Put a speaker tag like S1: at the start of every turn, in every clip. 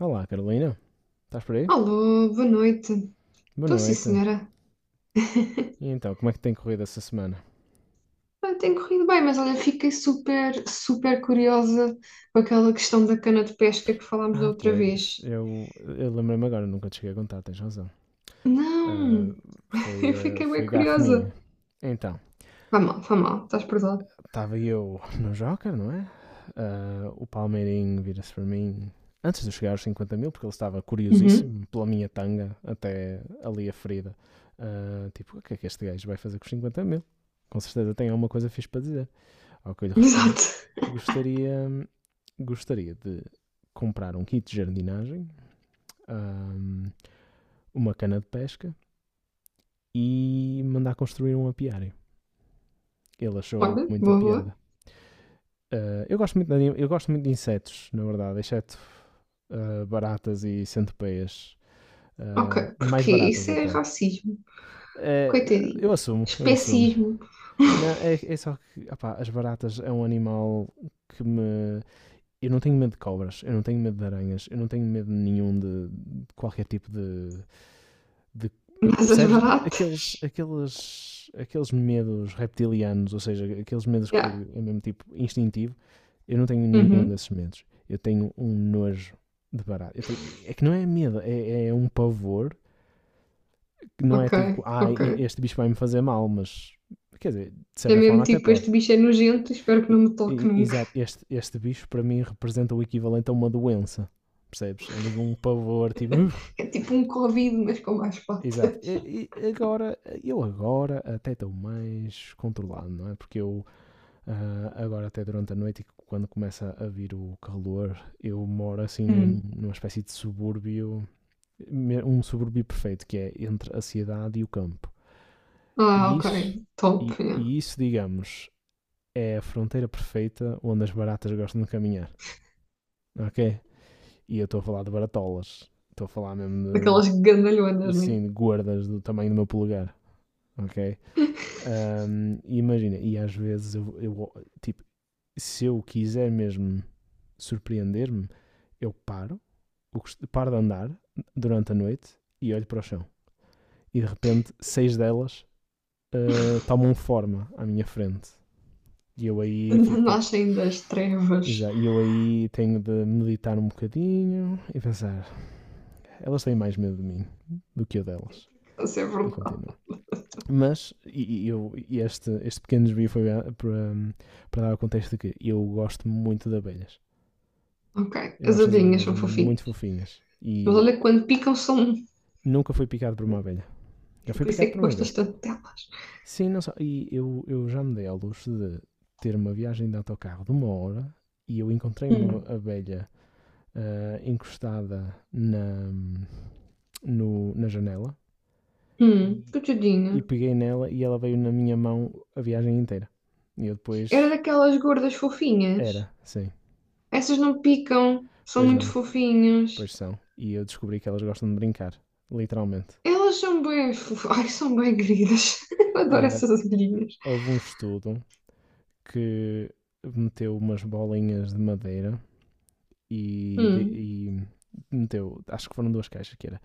S1: Olá, Carolina. Estás por aí?
S2: Alô, boa noite.
S1: Boa
S2: Estou sim,
S1: noite.
S2: senhora.
S1: E então, como é que tem corrido essa semana?
S2: Tem corrido bem, mas olha, fiquei super curiosa com aquela questão da cana de pesca que falámos da
S1: Ah,
S2: outra
S1: pois,
S2: vez.
S1: eu lembrei-me agora, nunca te cheguei a contar, tens razão. Ah,
S2: Não,
S1: foi,
S2: eu
S1: ah,
S2: fiquei bem
S1: foi gafe minha.
S2: curiosa.
S1: Então,
S2: Vai mal, estás perdoado.
S1: estava eu no Joker, não é? Ah, o Palmeirinho vira-se para mim antes de eu chegar aos 50 mil, porque ele estava
S2: Uhum.
S1: curiosíssimo pela minha tanga até ali a ferida. Ah, tipo, o que é que este gajo vai fazer com os 50 mil? Com certeza tem alguma coisa fixe para dizer. Ao que eu lhe respondo:
S2: Exato.
S1: gostaria, gostaria de comprar um kit de jardinagem, ahm, uma cana de pesca e mandar construir um apiário. Ele achou
S2: Olha,
S1: muita
S2: boa, boa.
S1: piada. Ah, eu gosto muito de insetos, na verdade, exceto baratas e centopeias.
S2: Ok,
S1: Ah, mais
S2: porque
S1: baratas
S2: isso é
S1: até.
S2: racismo.
S1: Ah, eu
S2: Coitadinhas.
S1: assumo, eu assumo.
S2: Especismo.
S1: Não, é só que opá, as baratas é um animal que me eu não tenho medo de cobras, eu não tenho medo de aranhas, eu não tenho medo nenhum de qualquer tipo de.
S2: Mas
S1: Percebes?
S2: baratas.
S1: Aqueles medos reptilianos, ou seja, aqueles medos que
S2: Yeah.
S1: é mesmo tipo instintivo, eu não tenho nenhum
S2: Uhum.
S1: desses medos. Eu tenho um nojo de barato. É que não é medo, é um pavor que não é
S2: Ok,
S1: tipo,
S2: ok.
S1: este bicho vai me fazer mal, mas quer dizer, de
S2: É
S1: certa
S2: mesmo
S1: forma até
S2: tipo,
S1: pode.
S2: este bicho é nojento, espero que não me toque nunca.
S1: Exato, este bicho para mim representa o equivalente a uma doença, percebes? É mesmo um pavor, tipo.
S2: É tipo um Covid, mas com mais
S1: Exato.
S2: patas.
S1: E agora, eu agora até estou mais controlado, não é? Porque eu agora até durante a noite, e quando começa a vir o calor, eu moro assim num-
S2: Hum.
S1: numa espécie de subúrbio, um subúrbio perfeito, que é entre a cidade e o campo.
S2: Ah,
S1: E
S2: ok.
S1: isso,
S2: Top,
S1: e,
S2: yeah.
S1: e isso digamos, é a fronteira perfeita onde as baratas gostam de caminhar, ok? E eu estou a falar de baratolas. Estou a falar mesmo
S2: Daquelas gandalhonas,
S1: de,
S2: né?
S1: sim, de gordas do tamanho do meu polegar, ok? E imagina, e às vezes eu, tipo, se eu quiser mesmo surpreender-me, eu paro, eu paro, de andar durante a noite e olho para o chão. E de repente, seis delas tomam forma à minha frente. E eu aí fico tipo,
S2: Nascem das trevas.
S1: E eu aí tenho de meditar um bocadinho e pensar, elas têm mais medo de mim do que eu delas.
S2: Isso é
S1: E
S2: verdade.
S1: continua. Mas este pequeno desvio foi para dar o contexto de que eu gosto muito de abelhas.
S2: Ok.
S1: Eu
S2: As
S1: acho as
S2: abelhinhas
S1: abelhas
S2: são fofinhas.
S1: muito fofinhas
S2: Mas olha,
S1: e
S2: que quando picam são...
S1: nunca fui picado por uma abelha. Já fui
S2: Por isso é
S1: picado
S2: que
S1: por uma
S2: gostas
S1: vespa.
S2: tanto delas.
S1: Sim, não só. E eu já me dei ao luxo de ter uma viagem de autocarro de uma hora e eu encontrei uma
S2: Hum.
S1: abelha encostada na, no- na janela
S2: Coitadinha.
S1: e, e peguei nela e ela veio na minha mão a viagem inteira. E eu
S2: Era
S1: depois
S2: daquelas gordas fofinhas.
S1: era, sim.
S2: Essas não picam, são
S1: Pois
S2: muito
S1: não,
S2: fofinhas.
S1: pois são. E eu descobri que elas gostam de brincar, literalmente.
S2: Elas são bem fofas. Ai, são bem queridas. Eu adoro
S1: Ah,
S2: essas abelhinhas.
S1: houve um estudo que meteu umas bolinhas de madeira e, de-
S2: Hum,
S1: e meteu, acho que foram duas caixas, que era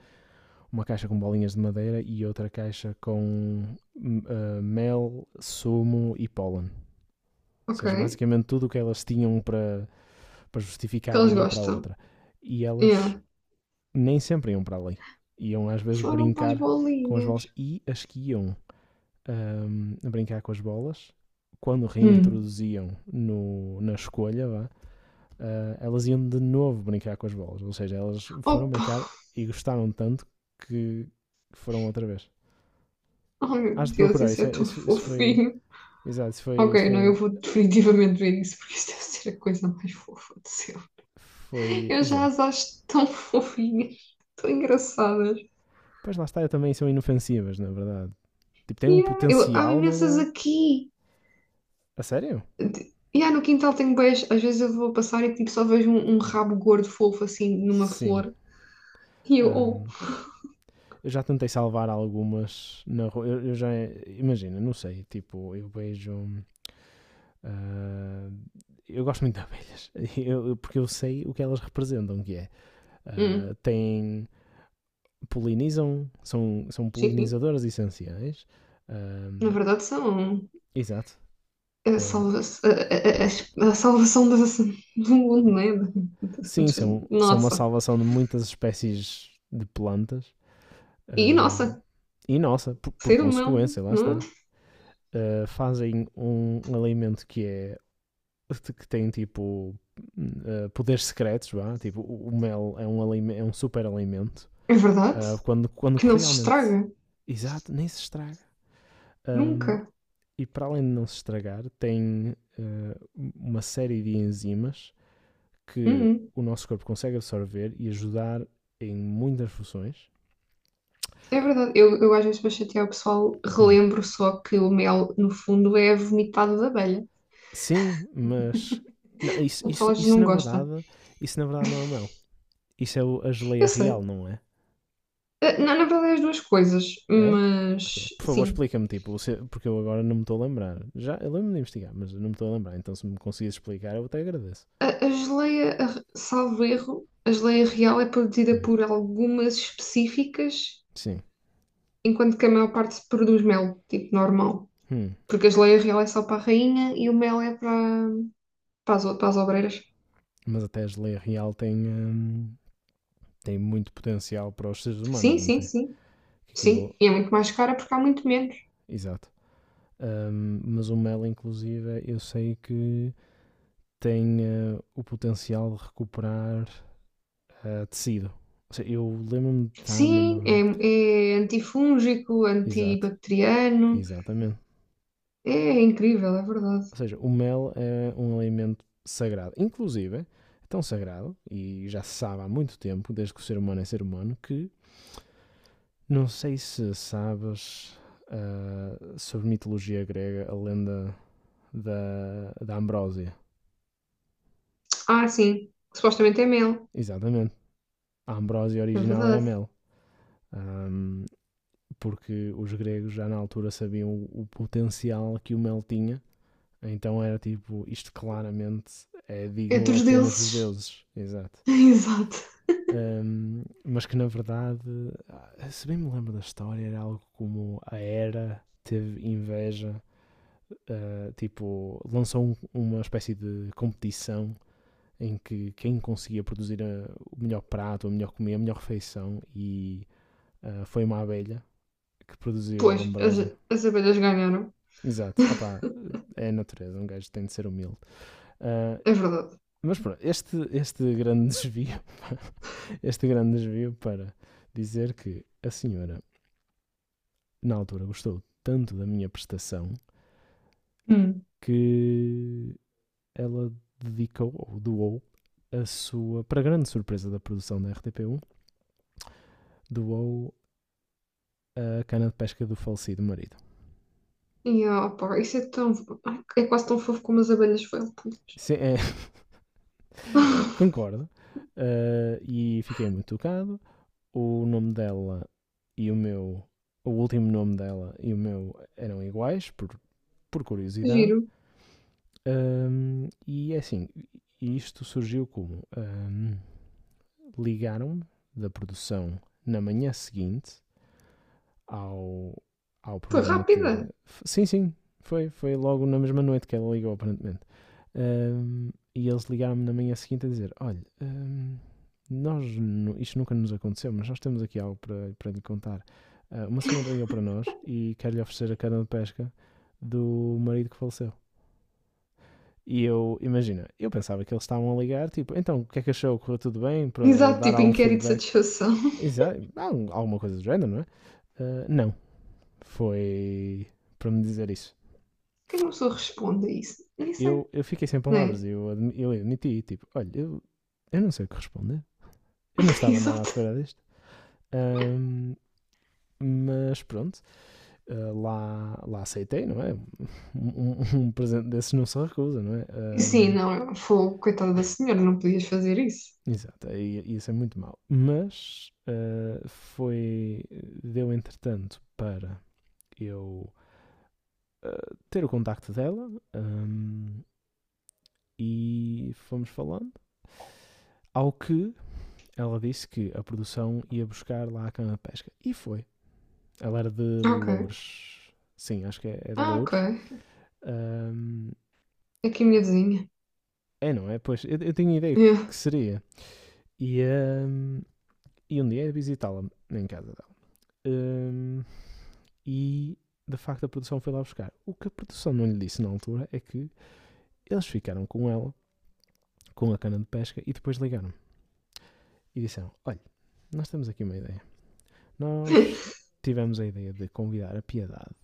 S1: uma caixa com bolinhas de madeira e outra caixa com mel, sumo e pólen. Ou
S2: ok.
S1: seja, basicamente tudo o que elas tinham para,
S2: Que
S1: justificar
S2: elas
S1: irem para a
S2: gostam.
S1: outra. E elas
S2: Yeah.
S1: nem sempre iam para ali. Iam às vezes
S2: Foram para as
S1: brincar com as
S2: bolinhas.
S1: bolas e as que iam a brincar com as bolas. Quando
S2: Hum.
S1: reintroduziam no, na escolha, vá, elas iam de novo brincar com as bolas. Ou seja, elas foram
S2: Opa!
S1: brincar e gostaram tanto que foram outra vez.
S2: Oh meu
S1: Hás de
S2: Deus,
S1: procurar,
S2: isso
S1: isso,
S2: é
S1: é-
S2: tão
S1: isso, isso foi.
S2: fofinho.
S1: Exato, isso foi, isso
S2: Ok, não, eu
S1: foi.
S2: vou definitivamente ver isso, porque isto deve ser a coisa mais fofa do céu.
S1: Foi.
S2: Eu já
S1: Exato.
S2: as acho tão fofinhas, tão engraçadas.
S1: Pois lá está, também são inofensivas, na verdade. Tipo, têm um
S2: Yeah, eu, há
S1: potencial a
S2: imensas
S1: magoar.
S2: aqui.
S1: A sério?
S2: E yeah, no quintal tenho beijo. Às vezes eu vou passar e tipo, só vejo um rabo gordo fofo assim numa
S1: Sim.
S2: flor. E eu, oh,
S1: Ahm, eu já tentei salvar algumas na rua. Eu já. Imagina, não sei. Tipo, eu vejo. Ah, eu gosto muito de abelhas, porque eu sei o que elas representam, que é,
S2: hum,
S1: têm, polinizam, são
S2: sim.
S1: polinizadoras essenciais, Ah,
S2: Na verdade são.
S1: exato,
S2: A,
S1: Ah,
S2: salva- a salvação da- do mundo, né?
S1: sim, são uma
S2: Nossa.
S1: salvação de muitas espécies de plantas,
S2: E
S1: Ah,
S2: nossa,
S1: e nossa, por
S2: ser humano,
S1: consequência, lá
S2: não é?
S1: está, Ah, fazem um alimento que é, que tem tipo, hum, poderes secretos, vá, tipo, o mel é um super alimento,
S2: É verdade
S1: Ah, quando
S2: que não se
S1: realmente.
S2: estraga.
S1: Exato, nem se estraga. Ahm,
S2: Nunca.
S1: e para além de não se estragar, tem uma série de enzimas que
S2: Uhum.
S1: o nosso corpo consegue absorver e ajudar em muitas funções.
S2: É verdade. Eu às vezes para chatear o pessoal
S1: Hum.
S2: relembro só que o mel, no fundo, é vomitado da abelha.
S1: Sim, mas não,
S2: O pessoal às vezes não gosta.
S1: isso na verdade não é mel. Isso é a
S2: Eu
S1: geleia
S2: sei.
S1: real, não é?
S2: Na verdade é as duas coisas,
S1: É? Ok.
S2: mas
S1: Por favor,
S2: sim.
S1: explica-me, tipo, porque eu agora não me estou a lembrar. Já, eu lembro-me de investigar, mas não me estou a lembrar. Então, se me conseguires explicar, eu até agradeço.
S2: A geleia, a- salvo erro, a geleia real é produzida
S1: Hum.
S2: por algumas específicas
S1: Sim.
S2: enquanto que a maior parte se produz mel, tipo normal.
S1: Hum,
S2: Porque a geleia real é só para a rainha e o mel é para, para as, o- para as obreiras.
S1: Mas até a geleia real tem, tem muito potencial para os seres
S2: Sim,
S1: humanos, não
S2: sim,
S1: tem?
S2: sim.
S1: Que aquilo.
S2: Sim, e é muito mais cara porque há muito menos.
S1: Exato. Mas o mel, inclusive, é, eu sei que tem o potencial de recuperar tecido. Ou seja, eu lembro-me de estar numa.
S2: Sim, é, é antifúngico,
S1: Exato,
S2: antibacteriano.
S1: exatamente.
S2: É incrível, é verdade.
S1: Ou seja, o mel é um alimento sagrado. Inclusive, é tão sagrado, e já se sabe há muito tempo, desde que o ser humano é ser humano, que Não sei se sabes sobre mitologia grega, a lenda da Ambrósia.
S2: Ah, sim, supostamente é mel.
S1: Exatamente. A Ambrósia
S2: É
S1: original era
S2: verdade.
S1: mel. Ahm, Porque os gregos já na altura sabiam o potencial que o mel tinha. Então era tipo, isto claramente é
S2: É
S1: digno
S2: dos
S1: apenas dos
S2: deuses.
S1: deuses. Exato.
S2: Exato.
S1: Mas que na verdade, se bem me lembro da história, era algo como a Hera teve inveja tipo, lançou uma espécie de competição em que quem conseguia produzir o melhor prato, a melhor comida, a melhor refeição e foi uma abelha que produziu a
S2: Pois, as,
S1: ambrósia.
S2: as abelhas ganharam.
S1: Exato, opá, é a natureza, um gajo tem de ser humilde. Ah,
S2: É verdade.
S1: mas pronto, este grande desvio, este grande desvio para dizer que a senhora, na altura, gostou tanto da minha prestação
S2: Hum.
S1: que ela dedicou, ou doou, a sua, para grande surpresa da produção da RTP1, doou a cana de pesca do falecido marido.
S2: E, opa, isso é tão... Ai, é quase tão fofo como as abelhas felpudas.
S1: Sim, é, concordo. E fiquei muito tocado. O nome dela e o meu, o último nome dela e o meu eram iguais, por
S2: Que
S1: curiosidade.
S2: giro.
S1: E é assim, isto surgiu como? Ligaram-me da produção na manhã seguinte ao, ao
S2: Foi
S1: programa
S2: rápida.
S1: ter. Sim, sim, foi logo na mesma noite que ela ligou, aparentemente. E eles ligaram-me na manhã seguinte a dizer: Olha, nós, isto nunca nos aconteceu, mas nós temos aqui algo para, lhe contar. Uma senhora ligou para nós e quer-lhe oferecer a cana de pesca do marido que faleceu. E eu, imagina, eu pensava que eles estavam a ligar, tipo, então o que é que achou? Correu tudo bem? Para
S2: Exato,
S1: dar
S2: tipo
S1: algum
S2: inquérito de
S1: feedback?
S2: satisfação.
S1: Exato, alguma coisa do género, não é? Não, foi para me dizer isso.
S2: Por que é uma pessoa responde a isso? Nem sei,
S1: Eu fiquei sem
S2: não
S1: palavras,
S2: é?
S1: eu, admiti, tipo, olha, eu não sei o que responder. Eu não estava nada à
S2: Exato.
S1: espera disto. Ahm, mas pronto, lá aceitei, não é? Um, um- um presente desses não se recusa, não é?
S2: Sim,
S1: Ahm,
S2: não, foi coitada da senhora, não podias fazer isso.
S1: exato, isso é muito mau. Mas foi. Deu entretanto para eu ter o contacto dela e fomos falando. Ao que ela disse que a produção ia buscar lá a cana de pesca. E foi. Ela era de
S2: Ok.
S1: Loures. Sim, acho que é de
S2: Ah, ok.
S1: Loures. Ahm,
S2: Aqui a minha vizinha.
S1: É, não é? Pois, eu tinha ideia que,
S2: Yeah.
S1: que seria. E, ahm, e um dia ia visitá-la em casa dela. Ahm, e, de facto, a produção foi lá buscar. O que a produção não lhe disse na altura é que eles ficaram com ela, com a cana de pesca, e depois ligaram. E disseram, olha, nós temos aqui uma ideia. Nós tivemos a ideia de convidar a Piedade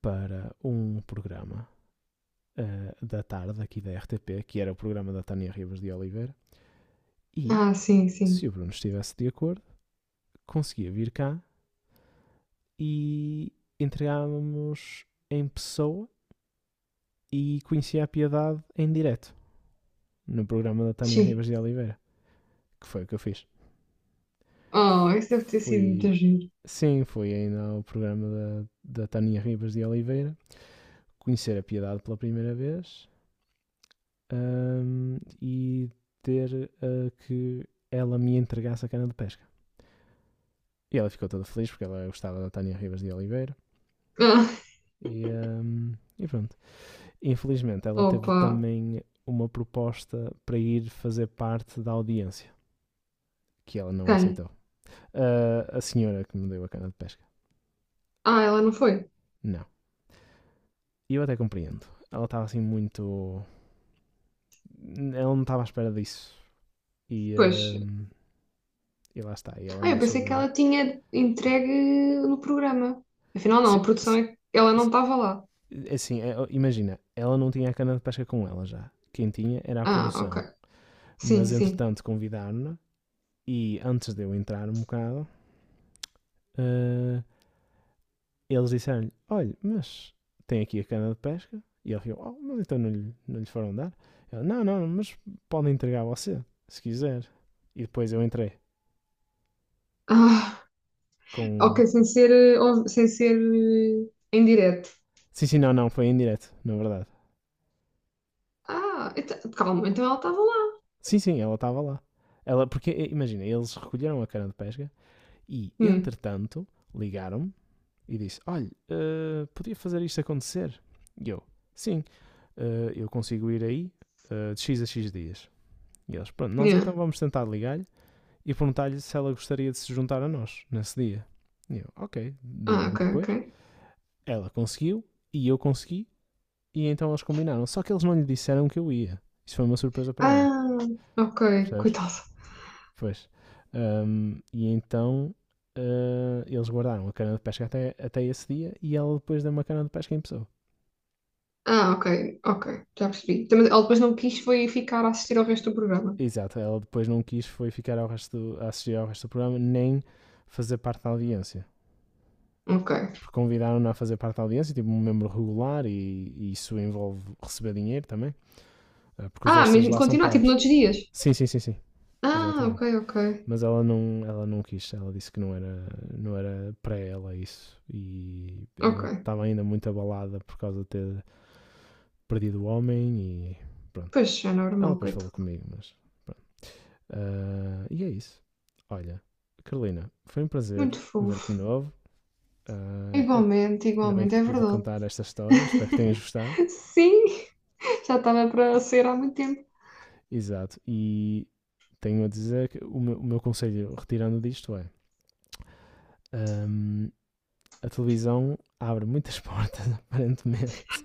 S1: para um programa da tarde aqui da RTP, que era o programa da Tânia Ribas de Oliveira, e
S2: Ah, sim,
S1: se
S2: sim.
S1: o Bruno estivesse de acordo, conseguia vir cá e entregávamos em pessoa e conhecia a piedade em direto no programa da Tânia
S2: Sim.
S1: Ribas de Oliveira, que foi o que eu fiz.
S2: Oh,
S1: F
S2: isso deve ter sido muito
S1: fui.
S2: giro.
S1: Sim, foi ainda ao programa da Tânia Ribas de Oliveira conhecer a piedade pela primeira vez e ter que ela me entregasse a cana de pesca. E ela ficou toda feliz porque ela gostava da Tânia Rivas de Oliveira.
S2: Ah,
S1: E pronto. Infelizmente, ela teve
S2: opa.
S1: também uma proposta para ir fazer parte da audiência, que ela não
S2: Quem?
S1: aceitou. Ah, a senhora que me deu a cana de pesca.
S2: Ah, ela não foi.
S1: Não. E eu até compreendo. Ela estava assim muito. Ela não estava à espera disso. E,
S2: Pois.
S1: ahm, e lá está. E ela
S2: Ah, eu
S1: não
S2: pensei que
S1: soube.
S2: ela tinha entregue no programa. Afinal, não,
S1: Se,
S2: a produção
S1: se,
S2: é que ela não
S1: se,
S2: estava lá.
S1: É assim, imagina, ela não tinha a cana de pesca com ela já. Quem tinha era a
S2: Ah, ok.
S1: produção.
S2: Sim,
S1: Mas
S2: sim.
S1: entretanto convidaram-na e antes de eu entrar um bocado, eh, eles disseram-lhe: Olha, mas tem aqui a cana de pesca. E ele ficou: Oh, mas então não lhe foram dar? Ela: Não, não, mas podem entregar a você, se quiser. E depois eu entrei
S2: Ah. Ok,
S1: com.
S2: sem ser, eh, ou- sem ser em direto.
S1: Sim, sim, não, não, foi em direto, na verdade.
S2: Ah, então- calma, então ela estava lá.
S1: Sim, sim, ela estava lá. Ela, porque, imagina, eles recolheram a cana de pesca e,
S2: Hum,
S1: entretanto, ligaram-me e disse: Olha, podia fazer isto acontecer? E eu: Sim, eu consigo ir aí de X a X dias. E eles: Pronto, nós então
S2: yeah.
S1: vamos tentar ligar-lhe e perguntar-lhe se ela gostaria de se juntar a nós nesse dia. E eu: Ok,
S2: Ah,
S1: digam-me
S2: ok, ok.
S1: depois. Ela conseguiu e eu consegui e então eles combinaram. Só que eles não lhe disseram que eu ia. Isso foi uma surpresa para ela,
S2: Ah, ok,
S1: percebes?
S2: coitada.
S1: Pois. E então eles guardaram a cana de pesca até esse dia e ela depois deu uma cana de pesca em pessoa.
S2: Ah, ok, ok, já percebi. Também, ela depois não quis foi ficar a assistir ao resto do programa.
S1: Exato, ela depois não quis foi ficar a assistir ao resto do programa, nem fazer parte da audiência.
S2: Ok.
S1: Porque convidaram-na a fazer parte da audiência, tipo um membro regular, e isso envolve receber dinheiro também, porque os
S2: Ah,
S1: extras
S2: mesmo
S1: lá são
S2: continuar, tipo
S1: pagos.
S2: noutros dias.
S1: Sim, sim, sim, sim,
S2: Ah, ok,
S1: exatamente.
S2: ok,
S1: Mas ela não quis, ela disse que não era para ela isso. E ela
S2: ok.
S1: estava ainda muito abalada por causa de ter perdido o homem, e pronto.
S2: Pois, é
S1: Ela
S2: normal,
S1: depois falou
S2: coitado.
S1: comigo, mas e é isso. Olha, Carolina, foi um prazer
S2: Muito
S1: ver-te de
S2: fofo.
S1: novo. Ah, é,
S2: Igualmente,
S1: ainda bem que
S2: igualmente,
S1: te
S2: é
S1: pude
S2: verdade.
S1: contar esta história. Espero que tenhas gostado.
S2: Sim, já estava para ser há muito tempo.
S1: Exato. E tenho a dizer que o meu conselho, retirando disto, é: ahm, a televisão abre muitas portas, aparentemente.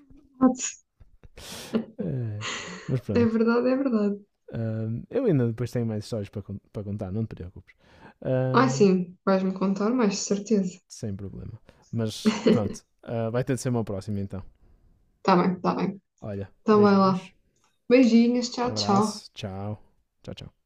S1: Eh, mas
S2: É
S1: pronto.
S2: verdade, é verdade.
S1: Eu ainda depois tenho mais histórias para, contar, não te preocupes.
S2: Ah,
S1: Ahm,
S2: sim, vais-me contar mais, de certeza.
S1: sem problema. Mas pronto, vai ter de ser uma próxima então.
S2: Tá bem, tá bem.
S1: Olha,
S2: Então vai lá.
S1: beijinhos.
S2: Beijinhos, tchau, tchau.
S1: Abraço, tchau. Tchau, tchau.